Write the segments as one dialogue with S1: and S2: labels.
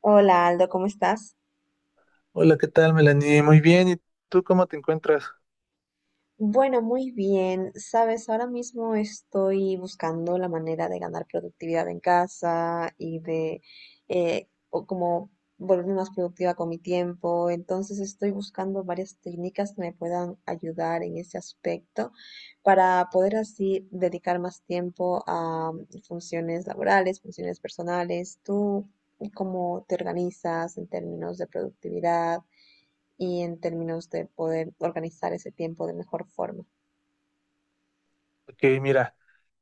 S1: Hola Aldo, ¿cómo estás?
S2: Hola, ¿qué tal, Melanie? Muy bien, ¿y tú cómo te encuentras?
S1: Bueno, muy bien. Sabes, ahora mismo estoy buscando la manera de ganar productividad en casa y de o como volverme más productiva con mi tiempo. Entonces estoy buscando varias técnicas que me puedan ayudar en ese aspecto para poder así dedicar más tiempo a funciones laborales, funciones personales. ¿Tú cómo te organizas en términos de productividad? Y en términos de poder organizar ese tiempo de mejor forma.
S2: Ok, mira,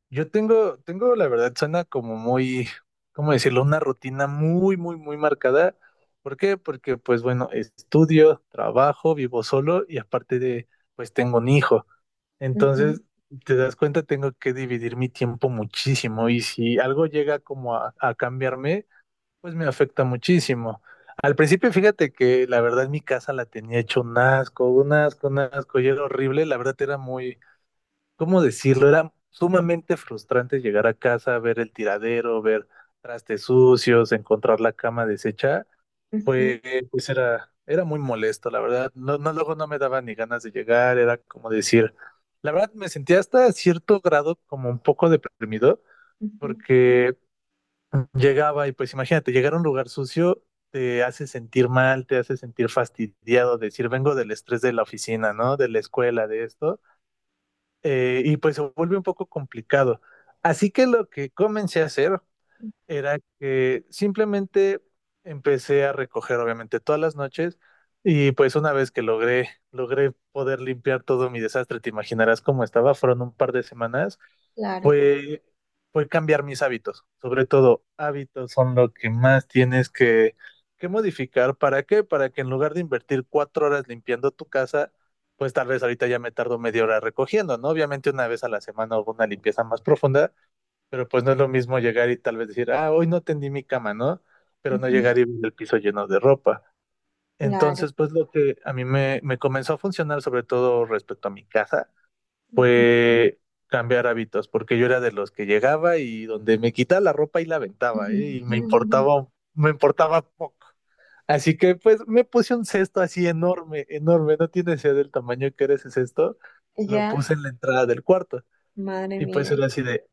S2: yo tengo, la verdad, suena como muy, ¿cómo decirlo? Una rutina muy, muy, muy marcada. ¿Por qué? Porque, pues bueno, estudio, trabajo, vivo solo y aparte de, pues tengo un hijo.
S1: Ujú,
S2: Entonces, te das cuenta, tengo que dividir mi tiempo muchísimo y si algo llega como a cambiarme, pues me afecta muchísimo. Al principio, fíjate que la verdad mi casa la tenía hecho un asco, un asco, un asco, y era horrible. La verdad era muy, ¿cómo decirlo? Era sumamente frustrante llegar a casa, ver el tiradero, ver trastes sucios, encontrar la cama deshecha.
S1: ujú,
S2: Pues, pues era muy molesto, la verdad. No, no, luego no me daba ni ganas de llegar, era como decir, la verdad me sentía hasta cierto grado como un poco deprimido,
S1: ujú.
S2: porque llegaba y pues imagínate, llegar a un lugar sucio te hace sentir mal, te hace sentir fastidiado, decir, vengo del estrés de la oficina, ¿no? De la escuela, de esto, y pues se vuelve un poco complicado. Así que lo que comencé a hacer era que simplemente empecé a recoger, obviamente, todas las noches, y pues una vez que logré poder limpiar todo mi desastre, te imaginarás cómo estaba, fueron un par de semanas
S1: Claro,
S2: fue, fue cambiar mis hábitos. Sobre todo, hábitos son lo que más tienes que modificar. ¿Para qué? Para que en lugar de invertir 4 horas limpiando tu casa, pues tal vez ahorita ya me tardo media hora recogiendo, ¿no? Obviamente una vez a la semana hago una limpieza más profunda, pero pues no es lo mismo llegar y tal vez decir, ah, hoy no tendí mi cama, ¿no? Pero no
S1: ujú,
S2: llegar y ver el piso lleno de ropa.
S1: claro.
S2: Entonces, pues lo que a mí me comenzó a funcionar, sobre todo respecto a mi casa,
S1: Ujú,
S2: fue cambiar hábitos, porque yo era de los que llegaba y donde me quitaba la ropa y la aventaba,
S1: ujú,
S2: ¿eh? Y me importaba poco. Así que pues me puse un cesto así enorme, enorme, no tiene idea del tamaño que era ese cesto, lo
S1: ya,
S2: puse en la entrada del cuarto
S1: madre
S2: y pues
S1: mía,
S2: era así de,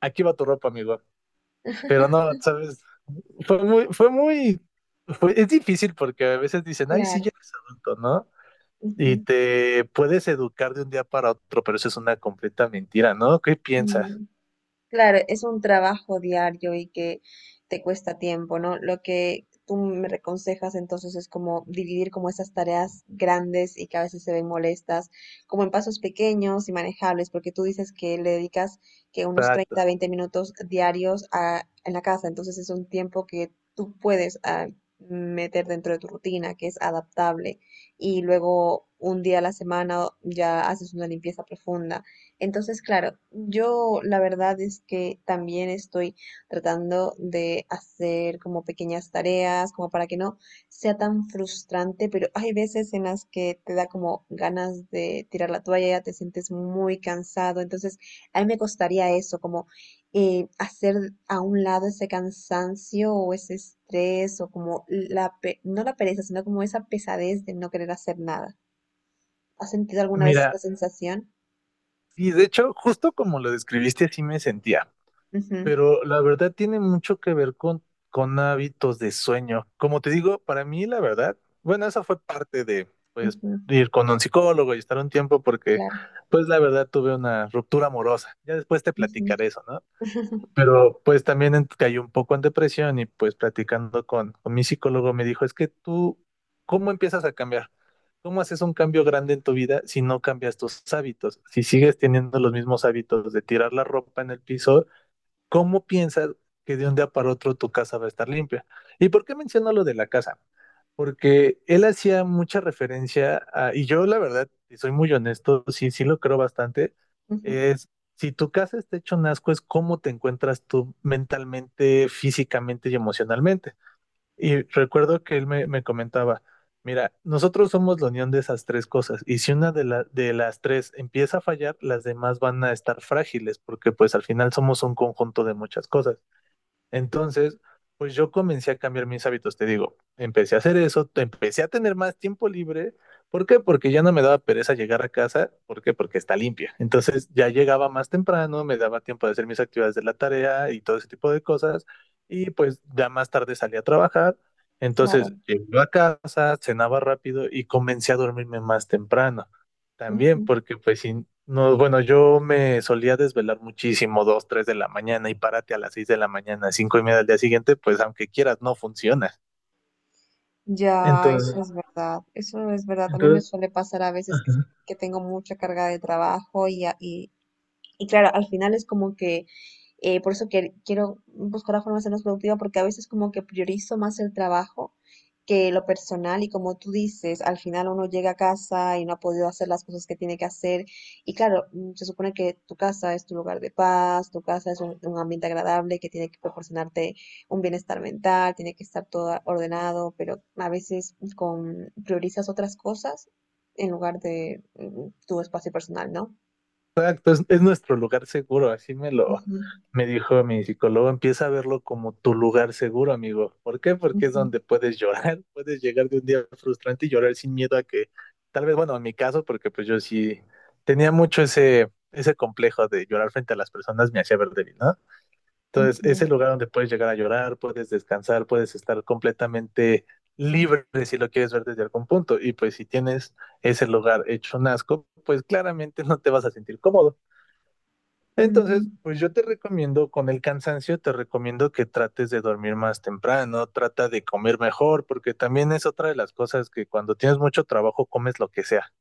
S2: aquí va tu ropa, amigo. Pero no, sabes, fue muy, fue muy, es difícil porque a veces dicen, ay, sí,
S1: claro.
S2: ya eres adulto, ¿no? Y
S1: Ujú,
S2: te puedes educar de un día para otro, pero eso es una completa mentira, ¿no? ¿Qué piensas?
S1: mm. Claro, es un trabajo diario y que te cuesta tiempo, ¿no? Lo que tú me aconsejas entonces es como dividir como esas tareas grandes y que a veces se ven molestas, como en pasos pequeños y manejables, porque tú dices que le dedicas que unos
S2: Exacto.
S1: 30, 20 minutos diarios a, en la casa, entonces es un tiempo que tú puedes ah, meter dentro de tu rutina, que es adaptable, y luego un día a la semana ya haces una limpieza profunda, entonces, claro, yo la verdad es que también estoy tratando de hacer como pequeñas tareas, como para que no sea tan frustrante, pero hay veces en las que te da como ganas de tirar la toalla, te sientes muy cansado, entonces a mí me costaría eso, como hacer a un lado ese cansancio o ese estrés o como la, no la pereza, sino como esa pesadez de no querer hacer nada. ¿Has sentido alguna vez
S2: Mira,
S1: esta sensación?
S2: y de hecho, justo como lo describiste, así me sentía,
S1: Ujú,
S2: pero la verdad tiene mucho que ver con hábitos de sueño. Como te digo, para mí la verdad, bueno, esa fue parte de, pues,
S1: ujú.
S2: ir con un psicólogo y estar un tiempo porque,
S1: Claro.
S2: pues, la verdad tuve una ruptura amorosa. Ya después te
S1: Ujú,
S2: platicaré eso, ¿no? Pero pues también caí un poco en depresión y pues platicando con mi psicólogo me dijo, es que tú, ¿cómo empiezas a cambiar? ¿Cómo haces un cambio grande en tu vida si no cambias tus hábitos? Si sigues teniendo los mismos hábitos de tirar la ropa en el piso, ¿cómo piensas que de un día para otro tu casa va a estar limpia? ¿Y por qué menciono lo de la casa? Porque él hacía mucha referencia a, y yo la verdad, y soy muy honesto, sí, sí lo creo bastante,
S1: ujú,
S2: es si tu casa está hecho un asco, es cómo te encuentras tú mentalmente, físicamente y emocionalmente. Y recuerdo que él me comentaba, mira, nosotros somos la unión de esas tres cosas y si una de, de las tres empieza a fallar, las demás van a estar frágiles porque pues al final somos un conjunto de muchas cosas. Entonces, pues yo comencé a cambiar mis hábitos, te digo, empecé a hacer eso, empecé a tener más tiempo libre. ¿Por qué? Porque ya no me daba pereza llegar a casa. ¿Por qué? Porque está limpia. Entonces ya llegaba más temprano, me daba tiempo de hacer mis actividades de la tarea y todo ese tipo de cosas. Y pues ya más tarde salí a trabajar.
S1: claro.
S2: Entonces llegué a casa, cenaba rápido y comencé a dormirme más temprano. También
S1: Ujú.
S2: porque pues si no, bueno, yo me solía desvelar muchísimo, 2, 3 de la mañana y párate a las 6 de la mañana, 5:30 del día siguiente, pues aunque quieras, no funciona.
S1: Ya,
S2: Entonces,
S1: eso es verdad. Eso es verdad. A mí me
S2: entonces,
S1: suele pasar a veces
S2: ajá.
S1: que tengo mucha carga de trabajo y claro, al final es como que, por eso que quiero buscar la forma de ser más productiva, porque a veces como que priorizo más el trabajo que lo personal y como tú dices, al final uno llega a casa y no ha podido hacer las cosas que tiene que hacer y claro, mm, se supone que tu casa es tu lugar de paz, tu casa es un ambiente agradable que tiene que proporcionarte un bienestar mental, tiene que estar todo ordenado, pero a veces con, priorizas otras cosas en lugar de mm, tu espacio personal, ¿no?
S2: Exacto, es nuestro lugar seguro, así me lo
S1: Ujú,
S2: me dijo mi psicólogo, empieza a verlo como tu lugar seguro, amigo. ¿Por qué? Porque es
S1: ujú.
S2: donde puedes llorar, puedes llegar de un día frustrante y llorar sin miedo a que, tal vez, bueno, en mi caso, porque pues yo sí tenía mucho ese complejo de llorar frente a las personas, me hacía ver débil, ¿no? Entonces, es
S1: Ujú,
S2: el lugar donde puedes llegar a llorar, puedes descansar, puedes estar completamente libre si lo quieres ver desde algún punto. Y pues si tienes ese lugar hecho un asco, pues claramente no te vas a sentir cómodo. Entonces,
S1: mm,
S2: pues yo te recomiendo, con el cansancio, te recomiendo que trates de dormir más temprano, trata de comer mejor, porque también es otra de las cosas que cuando tienes mucho trabajo comes lo que sea.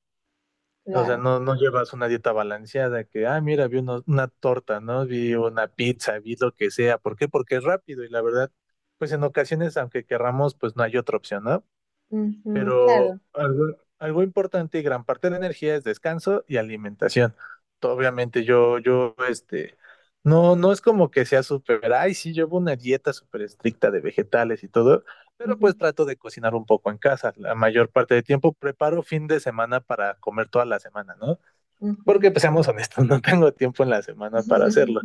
S2: O sea,
S1: claro,
S2: no, no llevas una dieta balanceada que, ah, mira, vi una torta, ¿no? Vi una pizza, vi lo que sea. ¿Por qué? Porque es rápido y la verdad, pues en ocasiones, aunque querramos, pues no hay otra opción, ¿no?
S1: ujú, claro,
S2: Pero algo, algo importante y gran parte de la energía es descanso y alimentación. Obviamente no, no es como que sea súper, ay, sí, llevo una dieta súper estricta de vegetales y todo, pero
S1: ujú,
S2: pues trato de cocinar un poco en casa. La mayor parte del tiempo preparo fin de semana para comer toda la semana, ¿no?
S1: ujú,
S2: Porque pues seamos honestos, no tengo tiempo en la semana para hacerlo.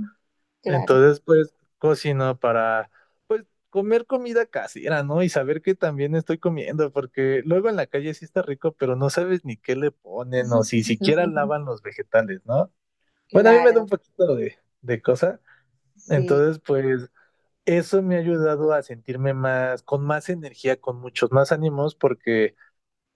S1: claro,
S2: Entonces, pues cocino para pues comer comida casera, ¿no? Y saber que también estoy comiendo, porque luego en la calle sí está rico, pero no sabes ni qué le ponen o si siquiera lavan los vegetales, ¿no? Bueno, a mí me da
S1: claro,
S2: un poquito de cosa.
S1: sí,
S2: Entonces, pues eso me ha ayudado a sentirme más, con más energía, con muchos más ánimos, porque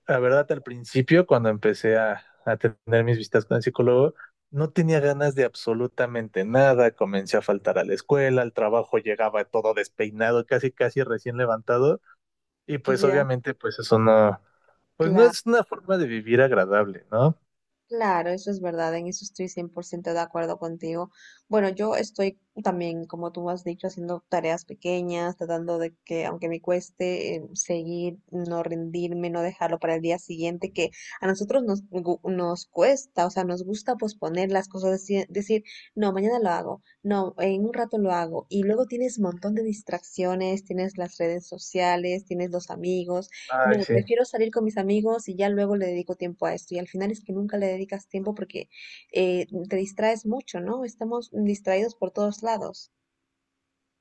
S2: la verdad, al principio, cuando empecé a tener mis visitas con el psicólogo, no tenía ganas de absolutamente nada. Comencé a faltar a la escuela, al trabajo llegaba todo despeinado, casi, casi recién levantado. Y pues
S1: ya,
S2: obviamente, pues eso no, pues no es
S1: claro.
S2: una forma de vivir agradable, ¿no?
S1: Claro, eso es verdad, en eso estoy 100% de acuerdo contigo. Bueno, yo estoy también, como tú has dicho, haciendo tareas pequeñas, tratando de que, aunque me cueste, seguir, no rendirme, no dejarlo para el día siguiente, que a nosotros nos, nos cuesta, o sea, nos gusta posponer las cosas, decir, no, mañana lo hago, no, en un rato lo hago, y luego tienes un montón de distracciones, tienes las redes sociales, tienes los amigos.
S2: Ay,
S1: No,
S2: sí.
S1: prefiero salir con mis amigos y ya luego le dedico tiempo a esto. Y al final es que nunca le dedicas tiempo porque te distraes mucho, ¿no? Estamos distraídos por todos lados.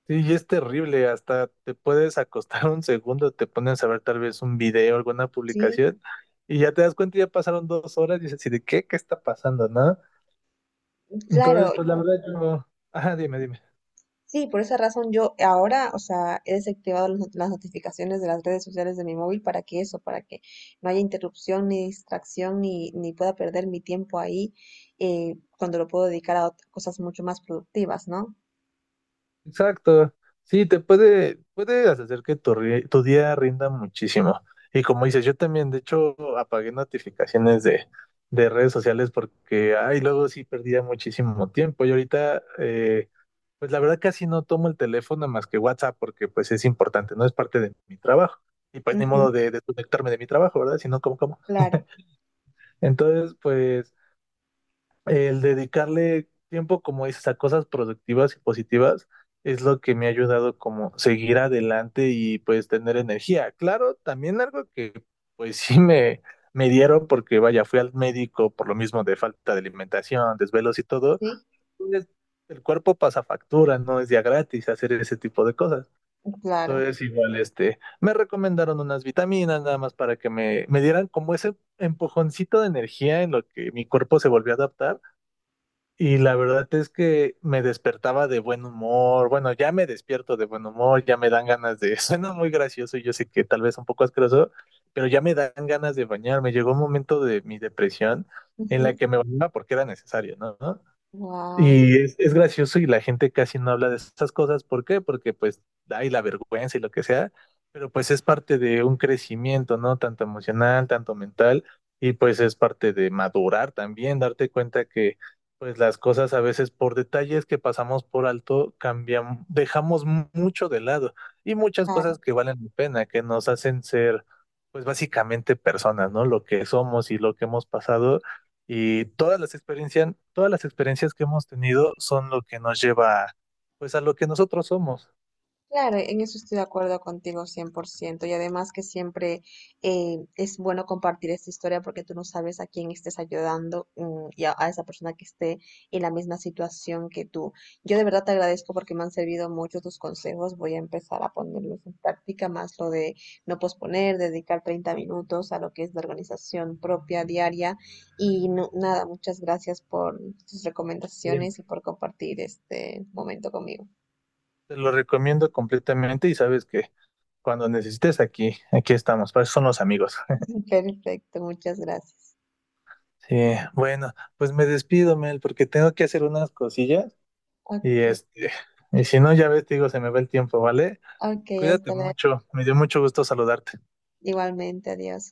S2: Sí, y es terrible, hasta te puedes acostar un segundo, te pones a ver tal vez un video, alguna
S1: Sí,
S2: publicación, y ya te das cuenta, ya pasaron 2 horas y dices, ¿y de qué? ¿Qué está pasando, no? Entonces,
S1: claro.
S2: pues la verdad yo... Ajá, dime, dime.
S1: Sí, por esa razón yo ahora, o sea, he desactivado las las notificaciones de las redes sociales de mi móvil para que eso, para que no haya interrupción ni distracción ni, ni pueda perder mi tiempo ahí cuando lo puedo dedicar a cosas mucho más productivas, ¿no?
S2: Exacto. Sí, te puede, puede hacer que tu, tu día rinda muchísimo. Y como dices, yo también, de hecho, apagué notificaciones de redes sociales porque, ay, luego sí perdía muchísimo tiempo. Y ahorita, pues la verdad casi no tomo el teléfono más que WhatsApp porque pues es importante, no es parte de mi trabajo. Y pues ni
S1: Ujú,
S2: modo de desconectarme de mi trabajo, ¿verdad? Sino como, como.
S1: claro,
S2: Entonces, pues... El dedicarle tiempo, como dices, a cosas productivas y positivas es lo que me ha ayudado como seguir adelante y pues tener energía. Claro, también algo que pues sí me dieron porque vaya, fui al médico por lo mismo de falta de alimentación, desvelos y todo.
S1: sí,
S2: Pues, el cuerpo pasa factura, no es día gratis hacer ese tipo de cosas.
S1: claro.
S2: Entonces igual este, me recomendaron unas vitaminas nada más para que me dieran como ese empujoncito de energía en lo que mi cuerpo se volvió a adaptar y la verdad es que me despertaba de buen humor. Bueno, ya me despierto de buen humor, ya me dan ganas de... Suena muy gracioso y yo sé que tal vez un poco asqueroso, pero ya me dan ganas de bañarme. Llegó un momento de mi depresión en la que me bañaba porque era necesario, ¿no?
S1: Wow.
S2: Y es gracioso y la gente casi no habla de esas cosas. ¿Por qué? Porque pues hay la vergüenza y lo que sea, pero pues es parte de un crecimiento, ¿no? Tanto emocional, tanto mental, y pues es parte de madurar también, darte cuenta que pues las cosas a veces por detalles que pasamos por alto cambian, dejamos mucho de lado y muchas cosas que valen la pena, que nos hacen ser pues básicamente personas, ¿no? Lo que somos y lo que hemos pasado y todas las experiencias que hemos tenido son lo que nos lleva, pues, a lo que nosotros somos.
S1: Claro, en eso estoy de acuerdo contigo 100%. Y además que siempre es bueno compartir esta historia porque tú no sabes a quién estés ayudando mm, y a esa persona que esté en la misma situación que tú. Yo de verdad te agradezco porque me han servido mucho tus consejos. Voy a empezar a ponerlos en práctica, más lo de no posponer, dedicar 30 minutos a lo que es la organización propia diaria. Y nada, muchas gracias por tus
S2: Bien.
S1: recomendaciones y por compartir este momento conmigo.
S2: Te lo recomiendo completamente y sabes que cuando necesites aquí, aquí estamos, para eso son los amigos.
S1: Perfecto, muchas gracias.
S2: Sí, bueno, pues me despido, Mel, porque tengo que hacer unas cosillas y
S1: Ok,
S2: este, y si no, ya ves, te digo, se me va el tiempo, ¿vale?
S1: ok,
S2: Cuídate
S1: hasta luego.
S2: mucho, me dio mucho gusto saludarte.
S1: Igualmente, adiós.